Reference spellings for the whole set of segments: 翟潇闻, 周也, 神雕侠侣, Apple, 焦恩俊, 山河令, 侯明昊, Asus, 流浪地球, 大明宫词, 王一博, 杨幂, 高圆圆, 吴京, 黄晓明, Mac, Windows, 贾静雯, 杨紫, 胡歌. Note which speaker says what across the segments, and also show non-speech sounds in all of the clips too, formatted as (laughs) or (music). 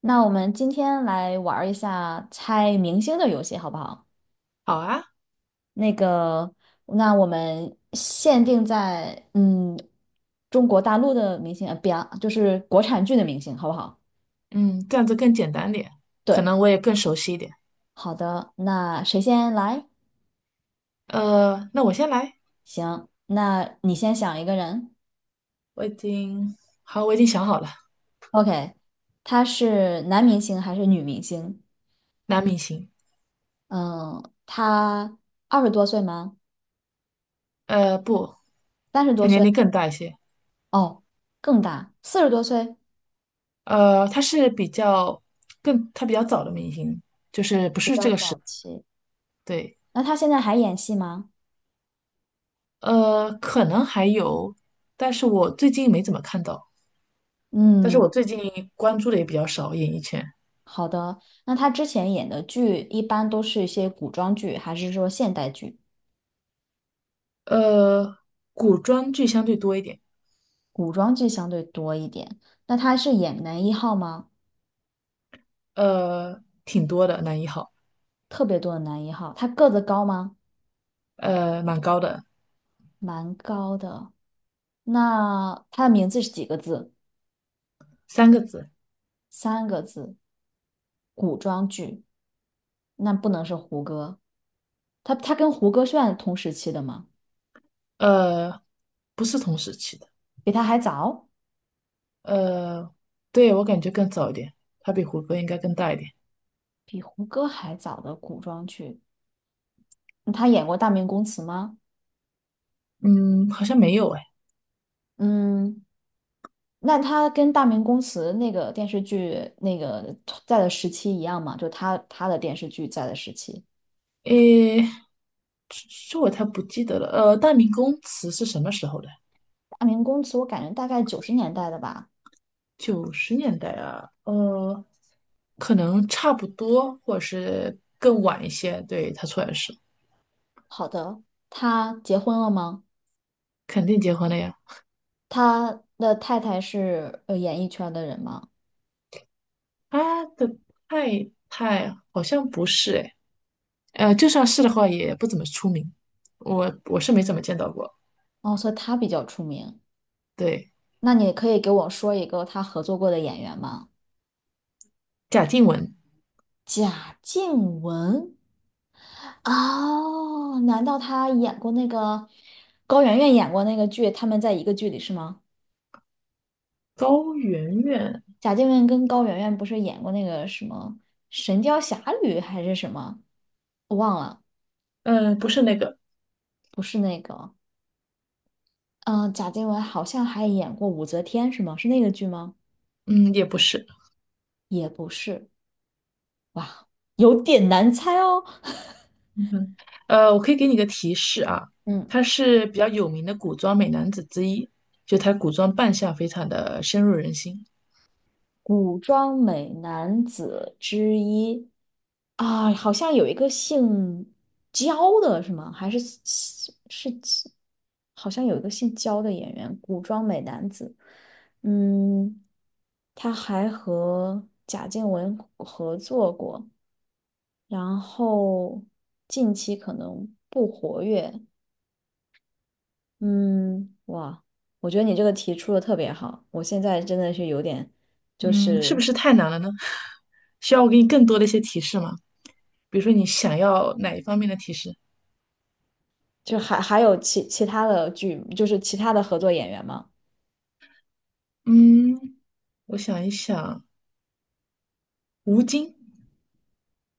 Speaker 1: 那我们今天来玩儿一下猜明星的游戏，好不好？
Speaker 2: 好啊。
Speaker 1: 那个，那我们限定在中国大陆的明星，不要，就是国产剧的明星，好不好？
Speaker 2: 嗯，这样子更简单点，可
Speaker 1: 对，
Speaker 2: 能我也更熟悉一点。
Speaker 1: 好的，那谁先来？
Speaker 2: 那我先来，
Speaker 1: 行，那你先想一个人。
Speaker 2: 我已经，好，我已经想好了。
Speaker 1: OK，他是男明星还是女明星？
Speaker 2: 男明星。
Speaker 1: 嗯，他20多岁吗？
Speaker 2: 不，
Speaker 1: 三十
Speaker 2: 他
Speaker 1: 多
Speaker 2: 年
Speaker 1: 岁？
Speaker 2: 龄更大一些。
Speaker 1: 哦，更大，40多岁，
Speaker 2: 他是比较更，他比较早的明星，就是不
Speaker 1: 比
Speaker 2: 是
Speaker 1: 较
Speaker 2: 这个时，
Speaker 1: 早期。
Speaker 2: 对。
Speaker 1: 那他现在还演戏吗？
Speaker 2: 可能还有，但是我最近没怎么看到，但是
Speaker 1: 嗯，
Speaker 2: 我最近关注的也比较少，演艺圈。
Speaker 1: 好的。那他之前演的剧一般都是一些古装剧，还是说现代剧？
Speaker 2: 呃，古装剧相对多一点。
Speaker 1: 古装剧相对多一点。那他是演男一号吗？
Speaker 2: 挺多的，男一号。
Speaker 1: 特别多的男一号。他个子高吗？
Speaker 2: 蛮高的。
Speaker 1: 蛮高的。那他的名字是几个字？
Speaker 2: 三个字。
Speaker 1: 三个字。古装剧，那不能是胡歌。他跟胡歌算同时期的吗？
Speaker 2: 呃，不是同时期的。
Speaker 1: 比他还早，
Speaker 2: 呃，对，我感觉更早一点，它比胡歌应该更大一点。
Speaker 1: 比胡歌还早的古装剧。那他演过《大明宫词》吗？
Speaker 2: 嗯，好像没有哎。
Speaker 1: 嗯，那他跟《大明宫词》那个电视剧那个在的时期一样吗？就他的电视剧在的时期，
Speaker 2: 诶，这这我太不记得了，大明宫词是什么时候的？
Speaker 1: 《大明宫词》我感觉大概90年代的吧。
Speaker 2: 90年代啊，可能差不多，或者是更晚一些，对，他出来的时候。
Speaker 1: 好的，他结婚了吗？
Speaker 2: 肯定结婚了呀。
Speaker 1: 他的太太是演艺圈的人吗？
Speaker 2: 他的太太好像不是哎，就算是的话，也不怎么出名，我是没怎么见到过。
Speaker 1: 哦，所以他比较出名。
Speaker 2: 对。
Speaker 1: 那你可以给我说一个他合作过的演员吗？
Speaker 2: 贾静雯、
Speaker 1: 贾静雯。哦，难道他演过那个高圆圆演过那个剧？他们在一个剧里是吗？
Speaker 2: 高圆圆。
Speaker 1: 贾静雯跟高圆圆不是演过那个什么《神雕侠侣》还是什么，我忘了，
Speaker 2: 嗯，不是那个。
Speaker 1: 不是那个。嗯、贾静雯好像还演过武则天，是吗？是那个剧吗？
Speaker 2: 嗯，也不是。
Speaker 1: 也不是，有点难猜哦。(laughs)
Speaker 2: 嗯，我可以给你个提示啊。
Speaker 1: 嗯，
Speaker 2: 他是比较有名的古装美男子之一，就他古装扮相非常的深入人心。
Speaker 1: 古装美男子之一。啊，好像有一个姓焦的是吗？还是是好像有一个姓焦的演员，古装美男子。嗯，他还和贾静雯合作过，然后近期可能不活跃。嗯，哇，我觉得你这个题出的特别好，我现在真的是有点，就
Speaker 2: 嗯，是不
Speaker 1: 是
Speaker 2: 是太难了呢？(laughs) 需要我给你更多的一些提示吗？比如说你想要哪一方面的提示？
Speaker 1: 就还有其他的剧，就是其他的合作演员吗？
Speaker 2: 嗯，我想一想。吴京。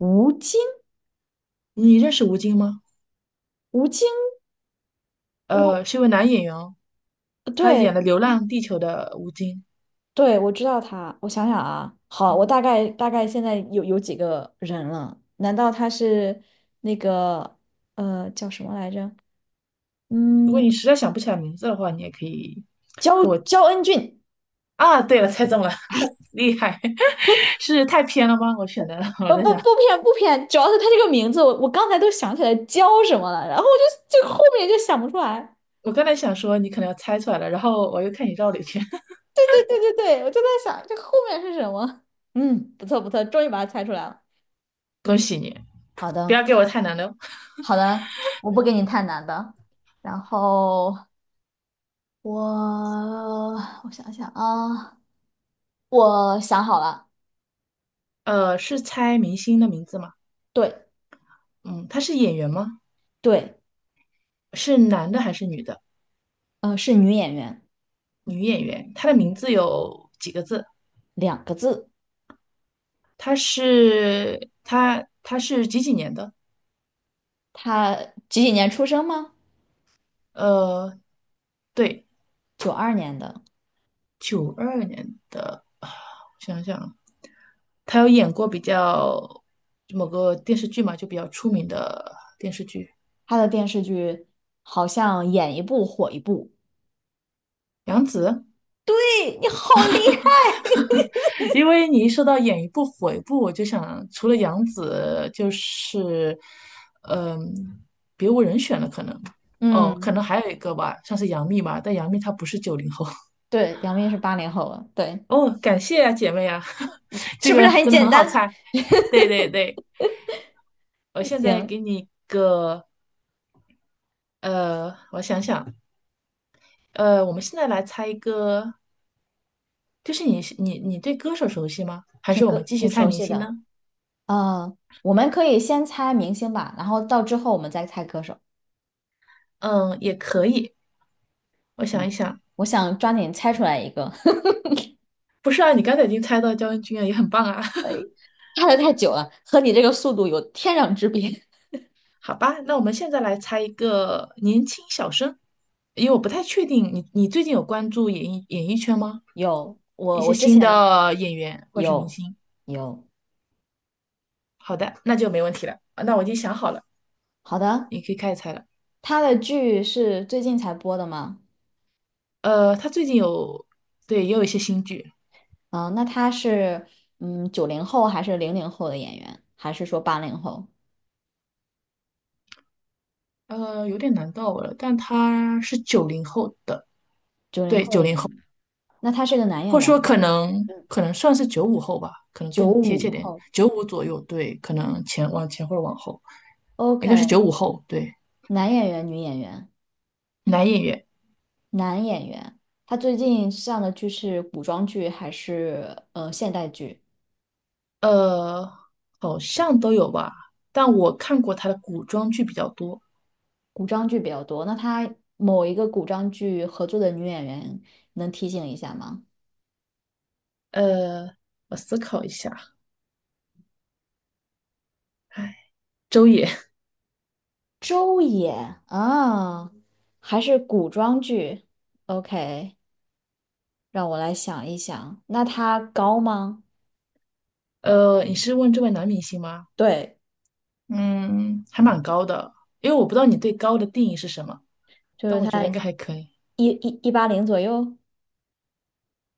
Speaker 1: 吴京。
Speaker 2: 你认识吴京吗？
Speaker 1: 吴京，我
Speaker 2: 是一位男演员哦。他
Speaker 1: 对
Speaker 2: 演了《流浪地球》的吴京。
Speaker 1: 对，我知道他。我想想啊，好，我
Speaker 2: 嗯，
Speaker 1: 大概现在有几个人了？难道他是那个叫什么来着？
Speaker 2: 如果
Speaker 1: 嗯，
Speaker 2: 你实在想不起来名字的话，你也可以
Speaker 1: 焦恩俊？
Speaker 2: 啊。对了，猜中了。(laughs) 厉害！(laughs) 是太偏了吗？我选的，我在
Speaker 1: 不
Speaker 2: 想。
Speaker 1: 不偏不偏，主要是他这个名字，我刚才都想起来焦什么了，然后我就后面就想不出来。
Speaker 2: 我刚才想说你可能要猜出来了，然后我又看你绕了一圈。(laughs)
Speaker 1: 对对对对对，我就在想这后面是什么？不错不错，终于把它猜出来了。
Speaker 2: 恭喜你！
Speaker 1: 好
Speaker 2: 不
Speaker 1: 的
Speaker 2: 要给我太难的哦。
Speaker 1: 好的，我不给你太难的。然后我我想想啊，我想好了，
Speaker 2: 是猜明星的名字吗？
Speaker 1: 对
Speaker 2: 嗯，他是演员吗？
Speaker 1: 对，
Speaker 2: 是男的还是女的？
Speaker 1: 是女演员，
Speaker 2: 女演员。她的名
Speaker 1: 嗯，
Speaker 2: 字有几个字？
Speaker 1: 两个字。
Speaker 2: 她是几几年的？
Speaker 1: 她几几年出生吗？
Speaker 2: 呃，对。
Speaker 1: 92年的。
Speaker 2: 92年的啊，我想想。他有演过比较某个电视剧嘛，就比较出名的。
Speaker 1: 她的电视剧好像演一部火一部。
Speaker 2: 杨紫。
Speaker 1: 对，你好厉害，
Speaker 2: 因为你一说到演一部火一部，我就想除了杨紫，就是嗯，别无人选了，可能。哦，
Speaker 1: 嗯，
Speaker 2: 可能还有一个吧，像是杨幂吧，但杨幂她不是九零后。
Speaker 1: 对，杨幂是八零后了，对，
Speaker 2: (laughs) 哦。感谢啊，姐妹啊。(laughs) 这
Speaker 1: 是不
Speaker 2: 个
Speaker 1: 是很
Speaker 2: 真的
Speaker 1: 简
Speaker 2: 很好
Speaker 1: 单？
Speaker 2: 猜。对对对，我
Speaker 1: (laughs)
Speaker 2: 现在
Speaker 1: 行，
Speaker 2: 给你一个。我想想。我们现在来猜一个，就是你是你你对歌手熟悉吗？还
Speaker 1: 挺
Speaker 2: 是我
Speaker 1: 个
Speaker 2: 们继续
Speaker 1: 挺
Speaker 2: 猜
Speaker 1: 熟
Speaker 2: 明
Speaker 1: 悉
Speaker 2: 星呢？
Speaker 1: 的。呃，我们可以先猜明星吧，然后到之后我们再猜歌手。
Speaker 2: 嗯，也可以。我想
Speaker 1: 嗯，
Speaker 2: 一想。
Speaker 1: 我想抓紧猜出来一个。
Speaker 2: 不是啊，你刚才已经猜到焦恩俊了，也很棒啊。(laughs)
Speaker 1: 看的太久了，和你这个速度有天壤之别。
Speaker 2: 好吧，那我们现在来猜一个年轻小生，因为我不太确定你最近有关注演艺圈吗？
Speaker 1: (laughs) 有，
Speaker 2: 一
Speaker 1: 我
Speaker 2: 些
Speaker 1: 我之
Speaker 2: 新
Speaker 1: 前
Speaker 2: 的演员或者是明
Speaker 1: 有
Speaker 2: 星。
Speaker 1: 有，
Speaker 2: 好的，那就没问题了。啊，那我已经想好了，
Speaker 1: 好的，
Speaker 2: 你可以开始猜了。
Speaker 1: 他的剧是最近才播的吗？
Speaker 2: 他最近有，对，也有一些新剧。
Speaker 1: 啊、那他是九零后还是00后的演员，还是说八零后？
Speaker 2: 有点难到我了，但他是九零后的。
Speaker 1: 九零后的演员，那他是个男
Speaker 2: 或
Speaker 1: 演
Speaker 2: 者
Speaker 1: 员还
Speaker 2: 说
Speaker 1: 是
Speaker 2: 可能算是九五后吧，可能
Speaker 1: 九
Speaker 2: 更贴
Speaker 1: 五
Speaker 2: 切点，
Speaker 1: 后
Speaker 2: 95左右，对，可能前往前或者往后。应该是九
Speaker 1: ？OK，
Speaker 2: 五后，对。
Speaker 1: 男演员、女演员，
Speaker 2: 男演员。
Speaker 1: 男演员。他最近上的剧是古装剧还是现代剧？
Speaker 2: 呃，好像都有吧，但我看过他的古装剧比较多。
Speaker 1: 古装剧比较多，那他某一个古装剧合作的女演员能提醒一下吗？
Speaker 2: 呃，我思考一下。哎，周也。
Speaker 1: 周也啊，还是古装剧？OK，让我来想一想，那她高吗？
Speaker 2: (laughs) 你是问这位男明星吗？
Speaker 1: 对，
Speaker 2: 嗯，还蛮高的，因为我不知道你对高的定义是什么，
Speaker 1: 就
Speaker 2: 但
Speaker 1: 是
Speaker 2: 我觉
Speaker 1: 她
Speaker 2: 得应该还可以。
Speaker 1: 一八零左右。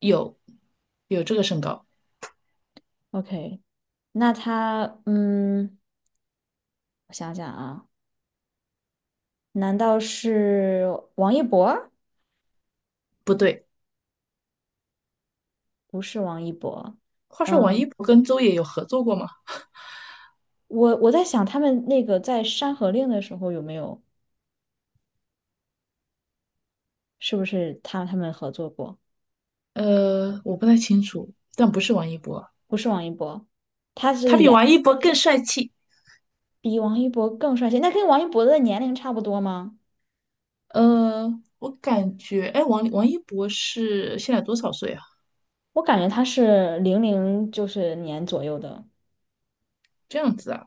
Speaker 2: 有有这个身高。
Speaker 1: OK，那她我想想啊，难道是王一博？
Speaker 2: 不对。
Speaker 1: 不是王一博，
Speaker 2: 话说王
Speaker 1: 嗯，
Speaker 2: 一博跟周也有合作过吗？
Speaker 1: 我在想他们那个在《山河令》的时候有没有？是不是他们合作过？
Speaker 2: 我不太清楚，但不是王一博。
Speaker 1: 不是王一博，他
Speaker 2: 他
Speaker 1: 是
Speaker 2: 比
Speaker 1: 演
Speaker 2: 王一博更帅气。
Speaker 1: 比王一博更帅气。那跟王一博的年龄差不多吗？
Speaker 2: 呃，我感觉，哎，王一博是现在多少岁啊？
Speaker 1: 我感觉他是零零就是年左右的。
Speaker 2: 这样子啊。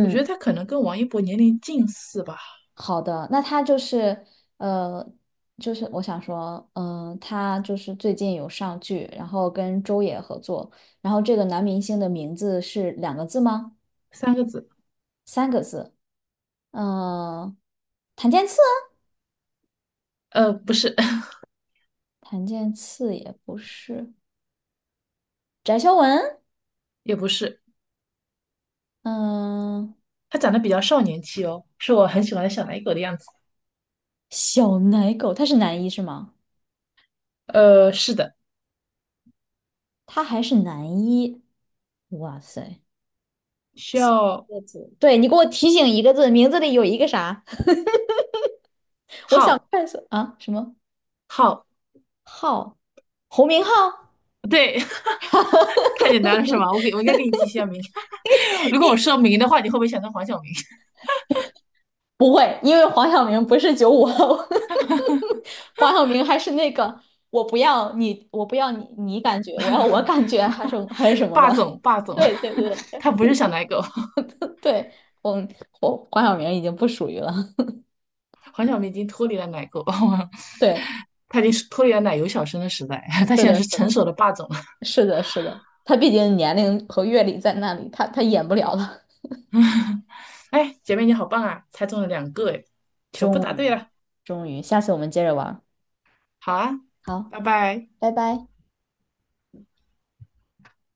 Speaker 2: 我觉得他可能跟王一博年龄近似吧。
Speaker 1: 好的，那他呃，就是我想说，他就是最近有上剧，然后跟周也合作，然后这个男明星的名字是两个字吗？
Speaker 2: 三个字。
Speaker 1: 三个字？嗯、谭健次
Speaker 2: 不是。(laughs)
Speaker 1: 啊，谭健次也不是，翟潇闻，
Speaker 2: 也不是。
Speaker 1: 嗯、
Speaker 2: 他长得比较少年气哦，是我很喜欢的小奶狗的样子。
Speaker 1: 小奶狗，他是男一是吗？
Speaker 2: 是的。
Speaker 1: 他还是男一，哇塞！
Speaker 2: 需要
Speaker 1: 个字，对，你给我提醒一个字，名字里有一个啥？(laughs)
Speaker 2: 浩
Speaker 1: 快速啊，什么
Speaker 2: 浩，
Speaker 1: 浩？侯明昊？
Speaker 2: 对。
Speaker 1: (laughs)
Speaker 2: (laughs) 太简单了是吗？我给我应该给你提一下名。(laughs) 如果我说明的话，你会不会想到黄晓明？(laughs)
Speaker 1: 不会，因为黄晓明不是九五后，(laughs) 黄晓明还是那个我不要你，我不要你，你感觉，我要我感觉，还是还是什么的。
Speaker 2: 霸总，霸
Speaker 1: (laughs)
Speaker 2: 总。
Speaker 1: 对对对
Speaker 2: (laughs) 他不是小奶狗。
Speaker 1: 对，我我黄晓明已经不属于了。(laughs)
Speaker 2: (laughs) 黄晓明已经脱离了奶狗。
Speaker 1: 对，
Speaker 2: (laughs) 他已经脱离了奶油小生的时代。(laughs) 他
Speaker 1: 是
Speaker 2: 现在
Speaker 1: 的，
Speaker 2: 是
Speaker 1: 是
Speaker 2: 成
Speaker 1: 的。
Speaker 2: 熟的霸总了。
Speaker 1: 是的，是的，他毕竟年龄和阅历在那里，他演不了了。
Speaker 2: 哎，姐妹你好棒啊，猜中了两个哎，全部
Speaker 1: 终
Speaker 2: 答对
Speaker 1: 于，
Speaker 2: 了。
Speaker 1: 终于，下次我们接着玩儿
Speaker 2: 好啊。
Speaker 1: 好，
Speaker 2: 拜拜。
Speaker 1: 拜拜。